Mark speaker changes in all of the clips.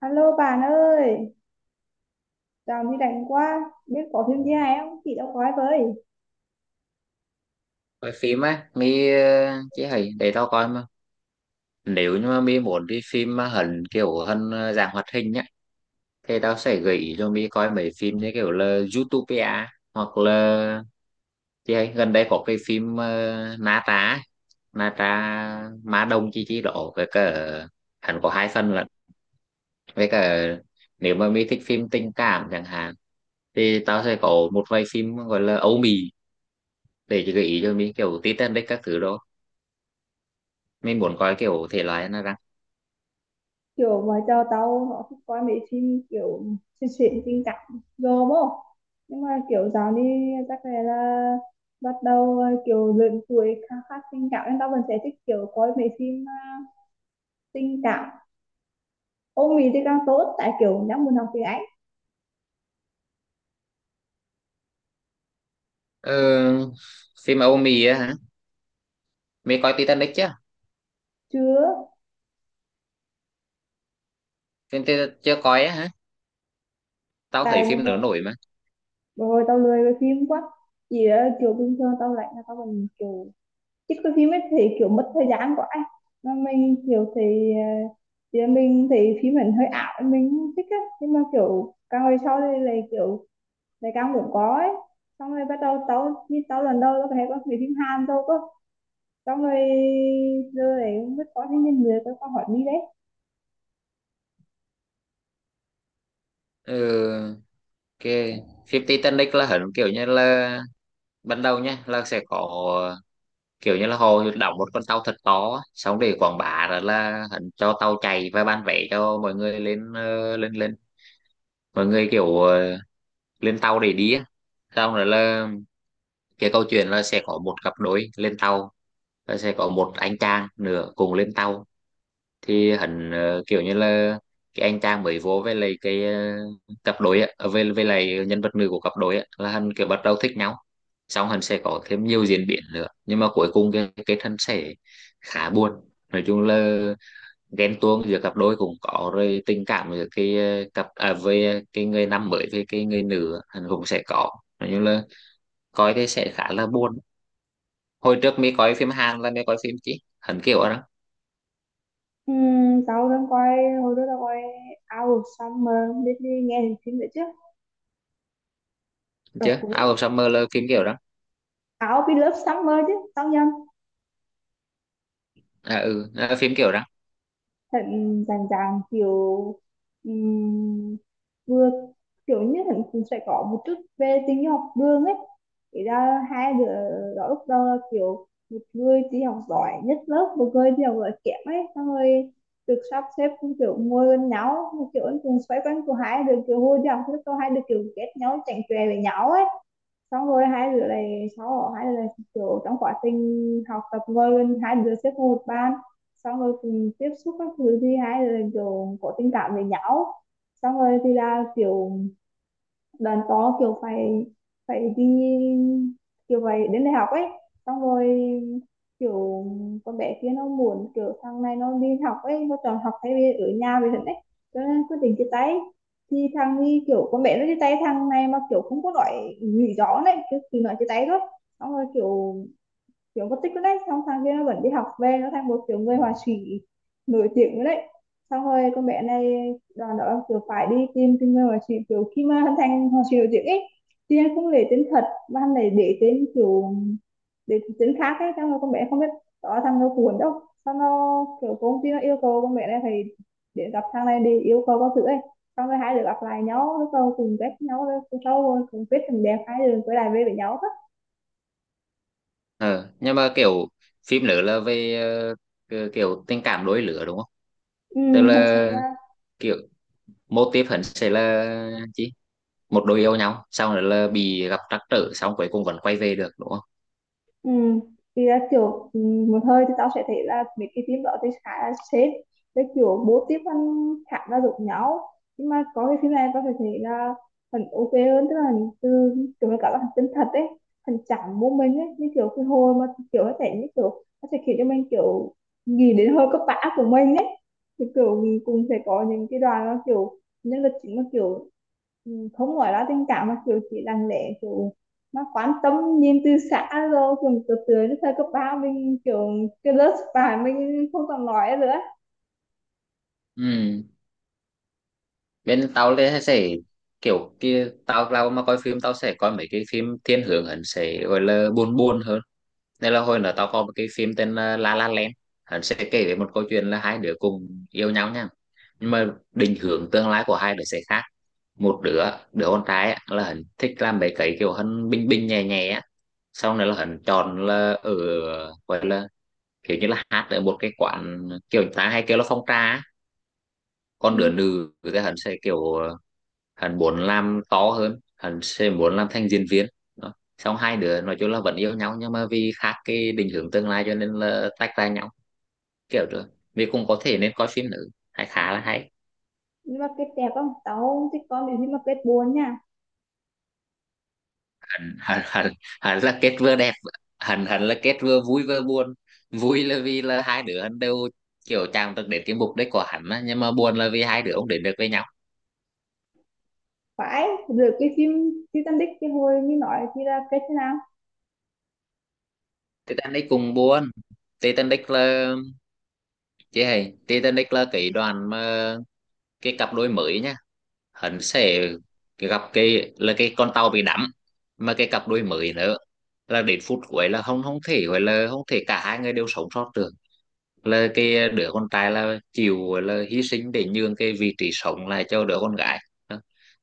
Speaker 1: Alo bạn ơi, chào này rảnh quá, biết có phim gì hay không? Chị đâu coi với.
Speaker 2: Coi phim á mi? Ờ, chỉ hay để tao coi mà. Nếu như mà mi muốn đi phim mà hẳn kiểu hơn dạng hoạt hình nhá, thì tao sẽ gợi ý cho mi coi mấy phim như kiểu là Zootopia, hoặc là chị hay gần đây có cái phim Na Tra, Na Tra Ma Đông chi chi đó, với cả hẳn có hai phần lận, với cả nếu mà mi thích phim tình cảm chẳng hạn thì tao sẽ có một vài phim gọi là Âu Mỹ để gợi ý cho mi, kiểu Titanic các thứ đó. Mình muốn coi kiểu thể loại nào ra.
Speaker 1: Kiểu mà cho tao nó thích coi mấy phim kiểu xuyên xuyên tình cảm rồi không? Nhưng mà kiểu dạo đi chắc là bắt đầu kiểu lớn tuổi khá khá tình cảm nên tao vẫn sẽ thích kiểu coi mấy phim tình cảm. Ông Mỹ thì càng tốt tại kiểu đang muốn học tiếng Anh.
Speaker 2: Ờ, Phim Âu Mỹ á hả? Mày coi Titanic chưa?
Speaker 1: Chưa,
Speaker 2: Phim ti Chưa coi á hả? Tao thấy
Speaker 1: tại
Speaker 2: phim nữa
Speaker 1: hồi,
Speaker 2: nổi mà.
Speaker 1: hồi tao lười với phim quá. Chỉ là kiểu bình thường tao lạnh là tao vẫn kiểu chứ có phim ấy thì kiểu mất thời gian quá ấy. Mà mình kiểu thì mình thì phim mình hơi ảo mình không thích á, nhưng mà kiểu càng về sau đây là kiểu lại càng muốn có ấy. Xong rồi bắt đầu tao như tao lần đầu tao thấy có mấy phim Hàn thôi cơ, xong rồi giờ này không biết có cái nhân người tao có hỏi đi đấy.
Speaker 2: Ờ, ok. Phim Titanic là hẳn kiểu như là ban đầu nha, là sẽ có kiểu như là họ đóng một con tàu thật to á, xong để quảng bá rồi là hẳn cho tàu chạy và bán vé cho mọi người lên lên lên mọi người kiểu lên tàu để đi á. Xong rồi là cái câu chuyện là sẽ có một cặp đôi lên tàu, và sẽ có một anh chàng nữa cùng lên tàu, thì hắn kiểu như là cái anh chàng mới vô với lại cặp đôi á, ờ, với lại nhân vật nữ của cặp đôi á, là hắn kiểu bắt đầu thích nhau. Xong hắn sẽ có thêm nhiều diễn biến nữa, nhưng mà cuối cùng cái thân sẽ khá buồn. Nói chung là ghen tuông giữa cặp đôi cũng có, rồi tình cảm giữa cặp à, với cái người nam mới với cái người nữ á, hắn cũng sẽ có. Nói chung là coi cái sẽ khá là buồn. Hồi trước mới coi phim Hàn là mới coi phim chứ hắn kiểu đó.
Speaker 1: Tao đang coi hồi đó tao coi Out of Summer, biết đi nghe thì phim đấy chứ, rồi
Speaker 2: Chứ Out
Speaker 1: cuối
Speaker 2: of Summer là phim kiểu đó.
Speaker 1: Out of Love Summer chứ tao nhầm.
Speaker 2: À ừ à, phim kiểu đó.
Speaker 1: Thận rành ràng kiểu, ừm, vừa kiểu như thận cũng sẽ có một chút về tình học đường ấy, thì ra hai đứa đó lúc đầu là kiểu một người đi học giỏi nhất lớp, một người đi học giỏi kém ấy, xong rồi được sắp xếp cũng kiểu ngồi gần nhau, kiểu cũng xoay quanh của hai đứa, kiểu hồi nhau lúc đó hai đứa kiểu ghét nhau, chẳng chè với nhau ấy. Xong rồi hai đứa này sau hai đứa này kiểu trong quá trình học tập ngồi bên hai đứa xếp vào một ban, xong rồi cùng tiếp xúc các thứ thì hai đứa này kiểu có tình cảm với nhau. Xong rồi thì là kiểu đàn có kiểu phải phải đi, kiểu phải đến đại học ấy. Xong rồi kiểu con bé kia nó muốn kiểu thằng này nó đi học ấy, nó chọn học thay vì ở nhà về thật ấy, cho nên quyết định chia tay. Thì thằng đi kiểu con bé nó chia tay thằng này mà kiểu không có nói lý rõ này, cứ chỉ nói chia tay thôi. Xong rồi kiểu kiểu mất tích luôn đấy, xong thằng kia nó vẫn đi học về, nó thành một kiểu người họa sĩ nổi tiếng luôn đấy. Xong rồi con bé này đoàn đó kiểu phải đi tìm tìm người họa sĩ, kiểu khi mà hắn thành họa sĩ nổi tiếng ấy thì hắn không lấy tên thật mà hắn lại để tên kiểu, để tên khác ấy, xong rồi con bé không biết đó thằng nó cuốn đâu, xong nó kiểu công ty nó yêu cầu con bé này phải để gặp thằng này để yêu cầu các thứ ấy. Xong rồi hai đứa gặp lại nhau, lúc đầu cùng ghét nhau, rồi sau rồi cùng biết tình đẹp, hai đứa quay lại về với nhau hết.
Speaker 2: Ờ nhưng mà kiểu phim nữa là về kiểu kiểu tình cảm đôi lứa đúng không?
Speaker 1: Ừ,
Speaker 2: Tức
Speaker 1: thật sự
Speaker 2: là
Speaker 1: là.
Speaker 2: kiểu mô típ hẳn sẽ là chi một đôi yêu nhau, xong rồi là bị gặp trắc trở, xong cuối cùng vẫn quay về được đúng không?
Speaker 1: Ừ. Thì là kiểu ừ, một hơi thì tao sẽ thấy là mấy cái phim đó thì khá là sến, với kiểu bố tiếp ăn khá là giống nhau, nhưng mà có cái phim này tao phải thấy là phần ok hơn, tức là hình từ kiểu là cả là phần chân thật ấy, phần chẳng bố mình ấy, như kiểu cái hồi mà kiểu nó sẽ như kiểu nó sẽ khiến cho mình kiểu nghĩ đến hơi cấp bã của mình ấy. Thì kiểu mình cũng sẽ có những cái đoàn nó kiểu nhân vật chính mà kiểu ừ, không nói là tình cảm mà kiểu chỉ lặng lẽ kiểu nó quan tâm nhìn từ xã, rồi cùng từ từ đến thời cấp ba mình kiểu cái lớp bạn mình không còn nói nữa.
Speaker 2: Ừ, bên tao thì sẽ kiểu kia, tao tao mà coi phim tao sẽ coi mấy cái phim thiên hướng hẳn sẽ gọi là buồn, buồn hơn. Nên là hồi nữa tao có một cái phim tên là La La Land, hắn sẽ kể về một câu chuyện là hai đứa cùng yêu nhau nha, nhưng mà định hướng tương lai của hai đứa sẽ khác. Một đứa Đứa con trai á, là hắn thích làm mấy cái kiểu hắn bình bình nhẹ nhẹ á, sau này là hắn chọn là ở, gọi là kiểu như là hát ở một cái quán kiểu người ta hay kêu là phong trà á. Còn đứa
Speaker 1: Ừ.
Speaker 2: nữ thì hắn sẽ kiểu hắn muốn làm to hơn, hắn sẽ muốn làm thành diễn viên. Đó. Xong hai đứa nói chung là vẫn yêu nhau, nhưng mà vì khác cái định hướng tương lai cho nên là tách ra nhau kiểu rồi. Vì cũng có thể nên coi phim nữ hay, khá là hay.
Speaker 1: Nhưng mà kết đẹp không, tao không thích con nếu như mà kết buồn nha.
Speaker 2: hắn hắn hắn, Hắn là kết vừa đẹp, hắn hắn là kết vừa vui vừa buồn. Vui là vì là hai đứa hắn đều kiểu chàng được đến cái mục đích của hắn á, nhưng mà buồn là vì hai đứa không đến được với nhau.
Speaker 1: Phải được cái phim Titanic cái hồi mình nói thì là kết thế nào?
Speaker 2: Titanic cùng buồn. Titanic là chị hay Titanic là cái đoàn mà cái cặp đôi mới nhá, hắn sẽ gặp cái là cái con tàu bị đắm. Mà cái cặp đôi mới nữa là đến phút cuối là không không thể gọi là không thể cả hai người đều sống sót được, là cái đứa con trai là chịu gọi là hy sinh để nhường cái vị trí sống lại cho đứa con gái.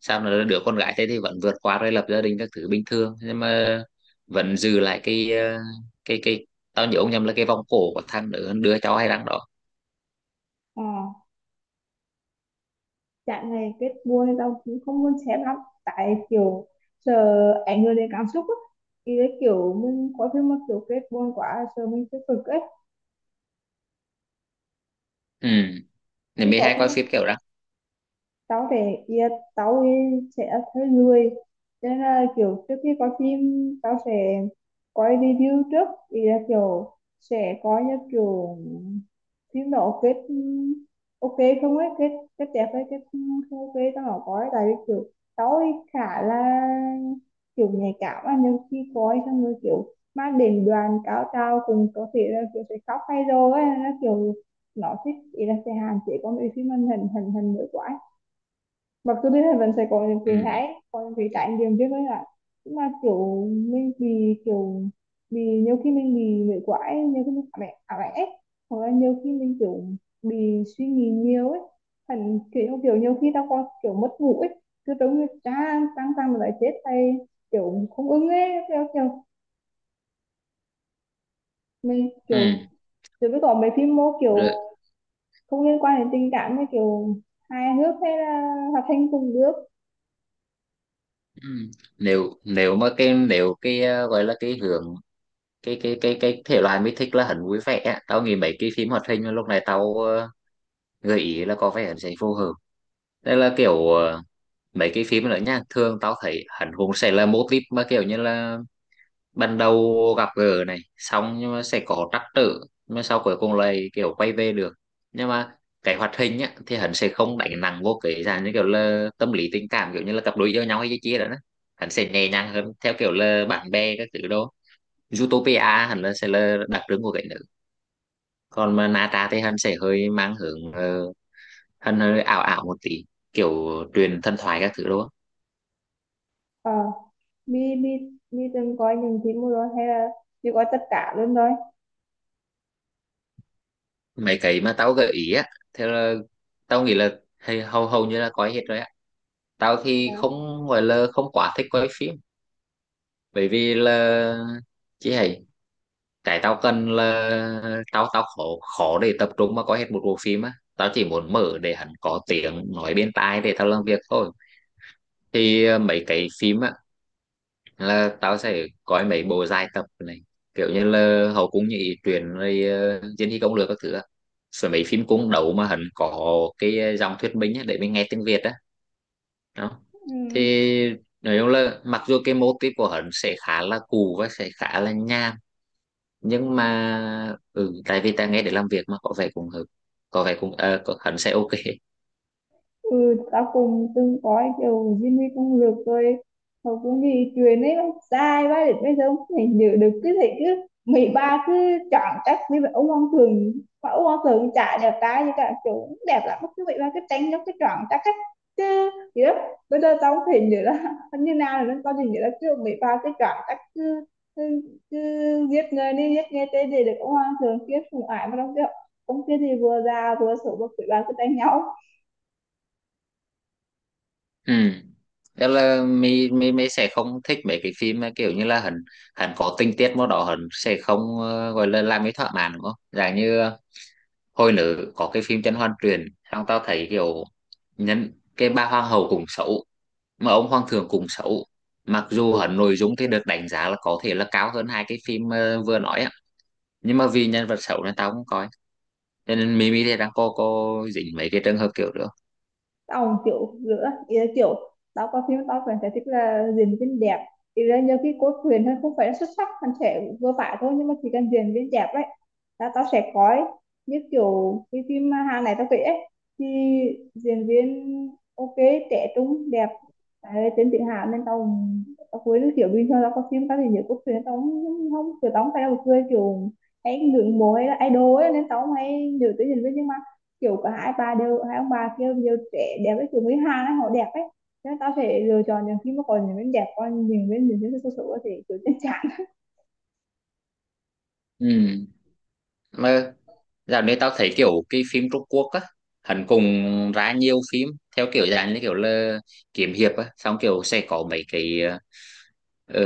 Speaker 2: Sao là đứa con gái thế thì vẫn vượt qua, rồi lập gia đình các thứ bình thường, nhưng mà vẫn giữ lại cái tao nhớ ông nhầm là cái vòng cổ của thằng đứa đứa cháu hay đang đó.
Speaker 1: ờ Trạng này kết buồn thì tao cũng không muốn xem lắm, tại kiểu sợ ảnh hưởng đến cảm xúc á, thì cái kiểu mình có phim mà kiểu kết buồn quá sợ mình sẽ cực ấy.
Speaker 2: Ừ, thì
Speaker 1: Thì
Speaker 2: mới
Speaker 1: có
Speaker 2: hay
Speaker 1: phim
Speaker 2: coi
Speaker 1: mà
Speaker 2: phim kiểu đó.
Speaker 1: tao sẽ yeah, tao ấy sẽ thấy người. Cho nên là kiểu trước khi coi phim tao sẽ coi review trước, thì là kiểu sẽ coi như kiểu phim đó kết ok không ấy, kết kết đẹp hay kết không ok tao không coi, tại vì kiểu tao ấy khá là kiểu nhạy cảm á. Nhưng khi coi xong rồi kiểu mang đến đoàn cao trào cùng có thể là kiểu sẽ khóc hay rồi ấy, nó kiểu nó thích ý là sẽ hạn chế con bị phim mình hình hình hình nữa quá, mặc dù biết là vẫn sẽ có những cái
Speaker 2: Ừ.
Speaker 1: hãi, có những cái trải nghiệm chứ với lại. Nhưng mà kiểu mình bị kiểu bị, nhiều khi mình bị nguội quá, nhiều khi mình ảo ảnh ấy, hoặc là nhiều khi mình kiểu bị suy nghĩ nhiều ấy, thành kiểu kiểu nhiều khi tao còn kiểu mất ngủ ấy, cứ tưởng như cha tăng tăng mà lại chết hay kiểu không ưng ấy, theo kiểu mình
Speaker 2: Ừ.
Speaker 1: kiểu. Rồi mới có mấy phim mô kiểu
Speaker 2: Rồi.
Speaker 1: không liên quan đến tình cảm, như kiểu hài hước hay là hoạt hình cùng nước.
Speaker 2: Ừ. Nếu nếu mà cái nếu cái gọi là cái hướng, cái thể loại mình thích là hắn vui vẻ á, tao nghĩ mấy cái phim hoạt hình mà lúc này tao gợi ý là có vẻ hắn sẽ phù hợp. Đây là kiểu mấy cái phim nữa nha, thường tao thấy hắn cũng sẽ là mô típ mà kiểu như là ban đầu gặp gỡ này, xong nhưng mà sẽ có trắc trở, nhưng mà sau cuối cùng lại kiểu quay về được. Nhưng mà cái hoạt hình á thì hắn sẽ không đánh nặng vô cái dạng như kiểu là tâm lý tình cảm, kiểu như là cặp đôi yêu nhau hay cái chia đó đó. Hắn sẽ nhẹ nhàng hơn theo kiểu là bạn bè các thứ đó. Zootopia hắn là sẽ là đặc trưng của cái nữ, còn mà Nata thì hắn sẽ hơi mang hướng hắn hơi ảo ảo một tí, kiểu truyền thần thoại các thứ đó.
Speaker 1: Mi mi mi từng coi những phim rồi hay là chỉ coi tất cả luôn thôi?
Speaker 2: Mấy cái mà tao gợi ý á, theo là tao nghĩ là hay hầu hầu như là có hết rồi. Tao thì
Speaker 1: À,
Speaker 2: không gọi là không quá thích quay phim, bởi vì là chỉ hay cái tao cần là tao tao khó, khó để tập trung mà coi hết một bộ phim á, tao chỉ muốn mở để hắn có tiếng nói bên tai để tao làm việc thôi. Thì mấy cái phim á là tao sẽ coi mấy bộ dài tập này, kiểu như là hậu cung như ý truyện, rồi diên hy công lược các thứ á. Rồi mấy phim cung đấu mà hắn có dòng thuyết minh á, để mình nghe tiếng Việt á. Đó, thì
Speaker 1: ừ.
Speaker 2: nói chung là mặc dù cái mô típ của hắn sẽ khá là cũ và sẽ khá là nham, nhưng mà tại vì ta nghe để làm việc mà có vẻ cũng hợp, có vẻ cũng có, hắn sẽ ok.
Speaker 1: Ừ, tao cũng từng coi kiểu Jimmy công lược rồi, hầu cũng bị chuyện ấy bác sai bác, để bây giờ không thể nhớ được, cứ thấy cứ mấy ba cứ chọn chắc với vậy ông hoàng thường, mà ông hoàng thường chả đẹp trai, như cả kiểu cũng đẹp lắm, cứ vậy ba cứ tránh giống cái chọn chắc ấy, chứ gì đó bây giờ tao không thể nhớ là như nào nữa, tao chỉ nhớ là kiểu mấy ba cứ chọn chắc, cứ, cứ giết người đi giết người tê, để được ông hoàng thường kiếp cùng ải mà đâu, kiểu ông kia thì vừa già vừa xấu mà quỷ ba cứ đánh nhau.
Speaker 2: Ừ. Đó là mi mi mi sẽ không thích mấy cái phim mà kiểu như là hắn, hắn có tình tiết mà đó hắn sẽ không gọi là làm cái thỏa mãn đúng không, dạng như hồi nữ có cái phim Chân Hoan Truyền, xong tao thấy kiểu nhân cái bà hoàng hậu cũng xấu, mà ông Hoàng Thượng cũng xấu. Mặc dù hẳn nội dung thì được đánh giá là có thể là cao hơn hai cái phim vừa nói á, nhưng mà vì nhân vật xấu nên tao không coi. Cho nên Mimi thì đang có dính mấy cái trường hợp kiểu nữa.
Speaker 1: Ông kiểu giữa ý là kiểu tao coi phim tao vẫn thấy thích là diễn viên đẹp, ý là nhiều khi cốt truyện thôi không phải là xuất sắc, hắn sẽ vừa phải thôi, nhưng mà chỉ cần diễn viên đẹp ấy là tao sẽ coi, như kiểu cái phim Hàn này tao kể ấy, thì diễn viên ok, trẻ trung đẹp. Đấy, tên tự hào nên tao tao cuối được kiểu bình thường, tao coi phim tao thì nhiều cốt truyện tao không không kiểu, tao không phải là một người kiểu hay ngưỡng mộ hay là idol ấy, nên tao không hay nhớ tới diễn viên, nhưng kiểu cả hai ba đều, hai ông bà kia đều trẻ đẹp ấy, kiểu người Hàn ấy họ đẹp ấy, thế nên tao sẽ lựa chọn những phim mà còn những bên đẹp, còn những bên những cái số số thì kiểu chân chạc.
Speaker 2: Ừ. Mà dạo này tao thấy kiểu cái phim Trung Quốc á, hẳn cùng ra nhiều phim theo kiểu dạng như kiểu là kiếm hiệp á, xong kiểu sẽ có mấy cái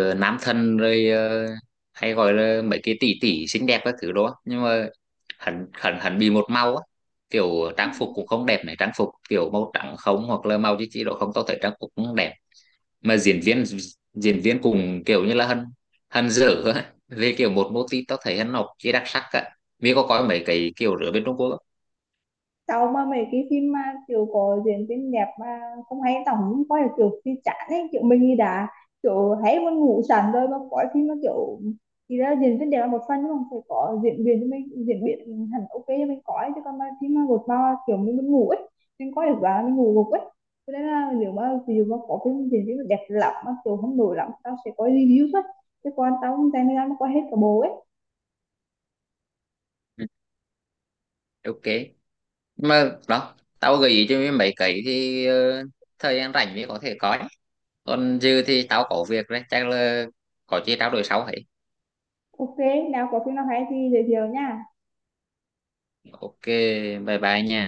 Speaker 2: ở nam thần, rồi hay gọi là mấy cái tỷ tỷ xinh đẹp các thứ đó. Nhưng mà hẳn hẳn hẳn bị một màu á, kiểu
Speaker 1: Ừ.
Speaker 2: trang phục cũng không đẹp này, trang phục kiểu màu trắng không, hoặc là màu chỉ độ không, tao thấy trang phục cũng đẹp. Mà diễn viên cũng kiểu như là hân, hân dở á, về kiểu một mô típ, tao thấy hân học chỉ đặc sắc á, vì có coi mấy cái kiểu rửa bên Trung Quốc á.
Speaker 1: Sau mà mấy cái phim mà kiểu có diễn viên đẹp mà không hay tao cũng coi được, kiểu phim chán ấy kiểu mình đi đã, kiểu hay muốn ngủ sẵn rồi mà có phim mà kiểu, thì ra diễn viên đẹp là một phần, nhưng mà phải có diễn viên cho mình, diễn viên hẳn ok cho mình coi, chứ còn mà phim mà gột bao kiểu mình muốn ngủ ấy, mình coi được và mình ngủ gục ấy. Cho nên là nếu mà ví dụ mà có phim diễn viên mà đẹp lắm mà kiểu không nổi lắm, tao sẽ coi review thôi, chứ còn tao không dành thời gian mà coi hết cả bộ ấy.
Speaker 2: Ừ, ok. Mà đó, tao gợi ý cho mấy mấy cái thì thời gian rảnh mới có thể coi. Còn dư thì tao có việc đấy, chắc là có chi trao đổi sau ấy.
Speaker 1: Ok, nào có phim nào hay thì giới thiệu nha.
Speaker 2: Ok, bye bye nha.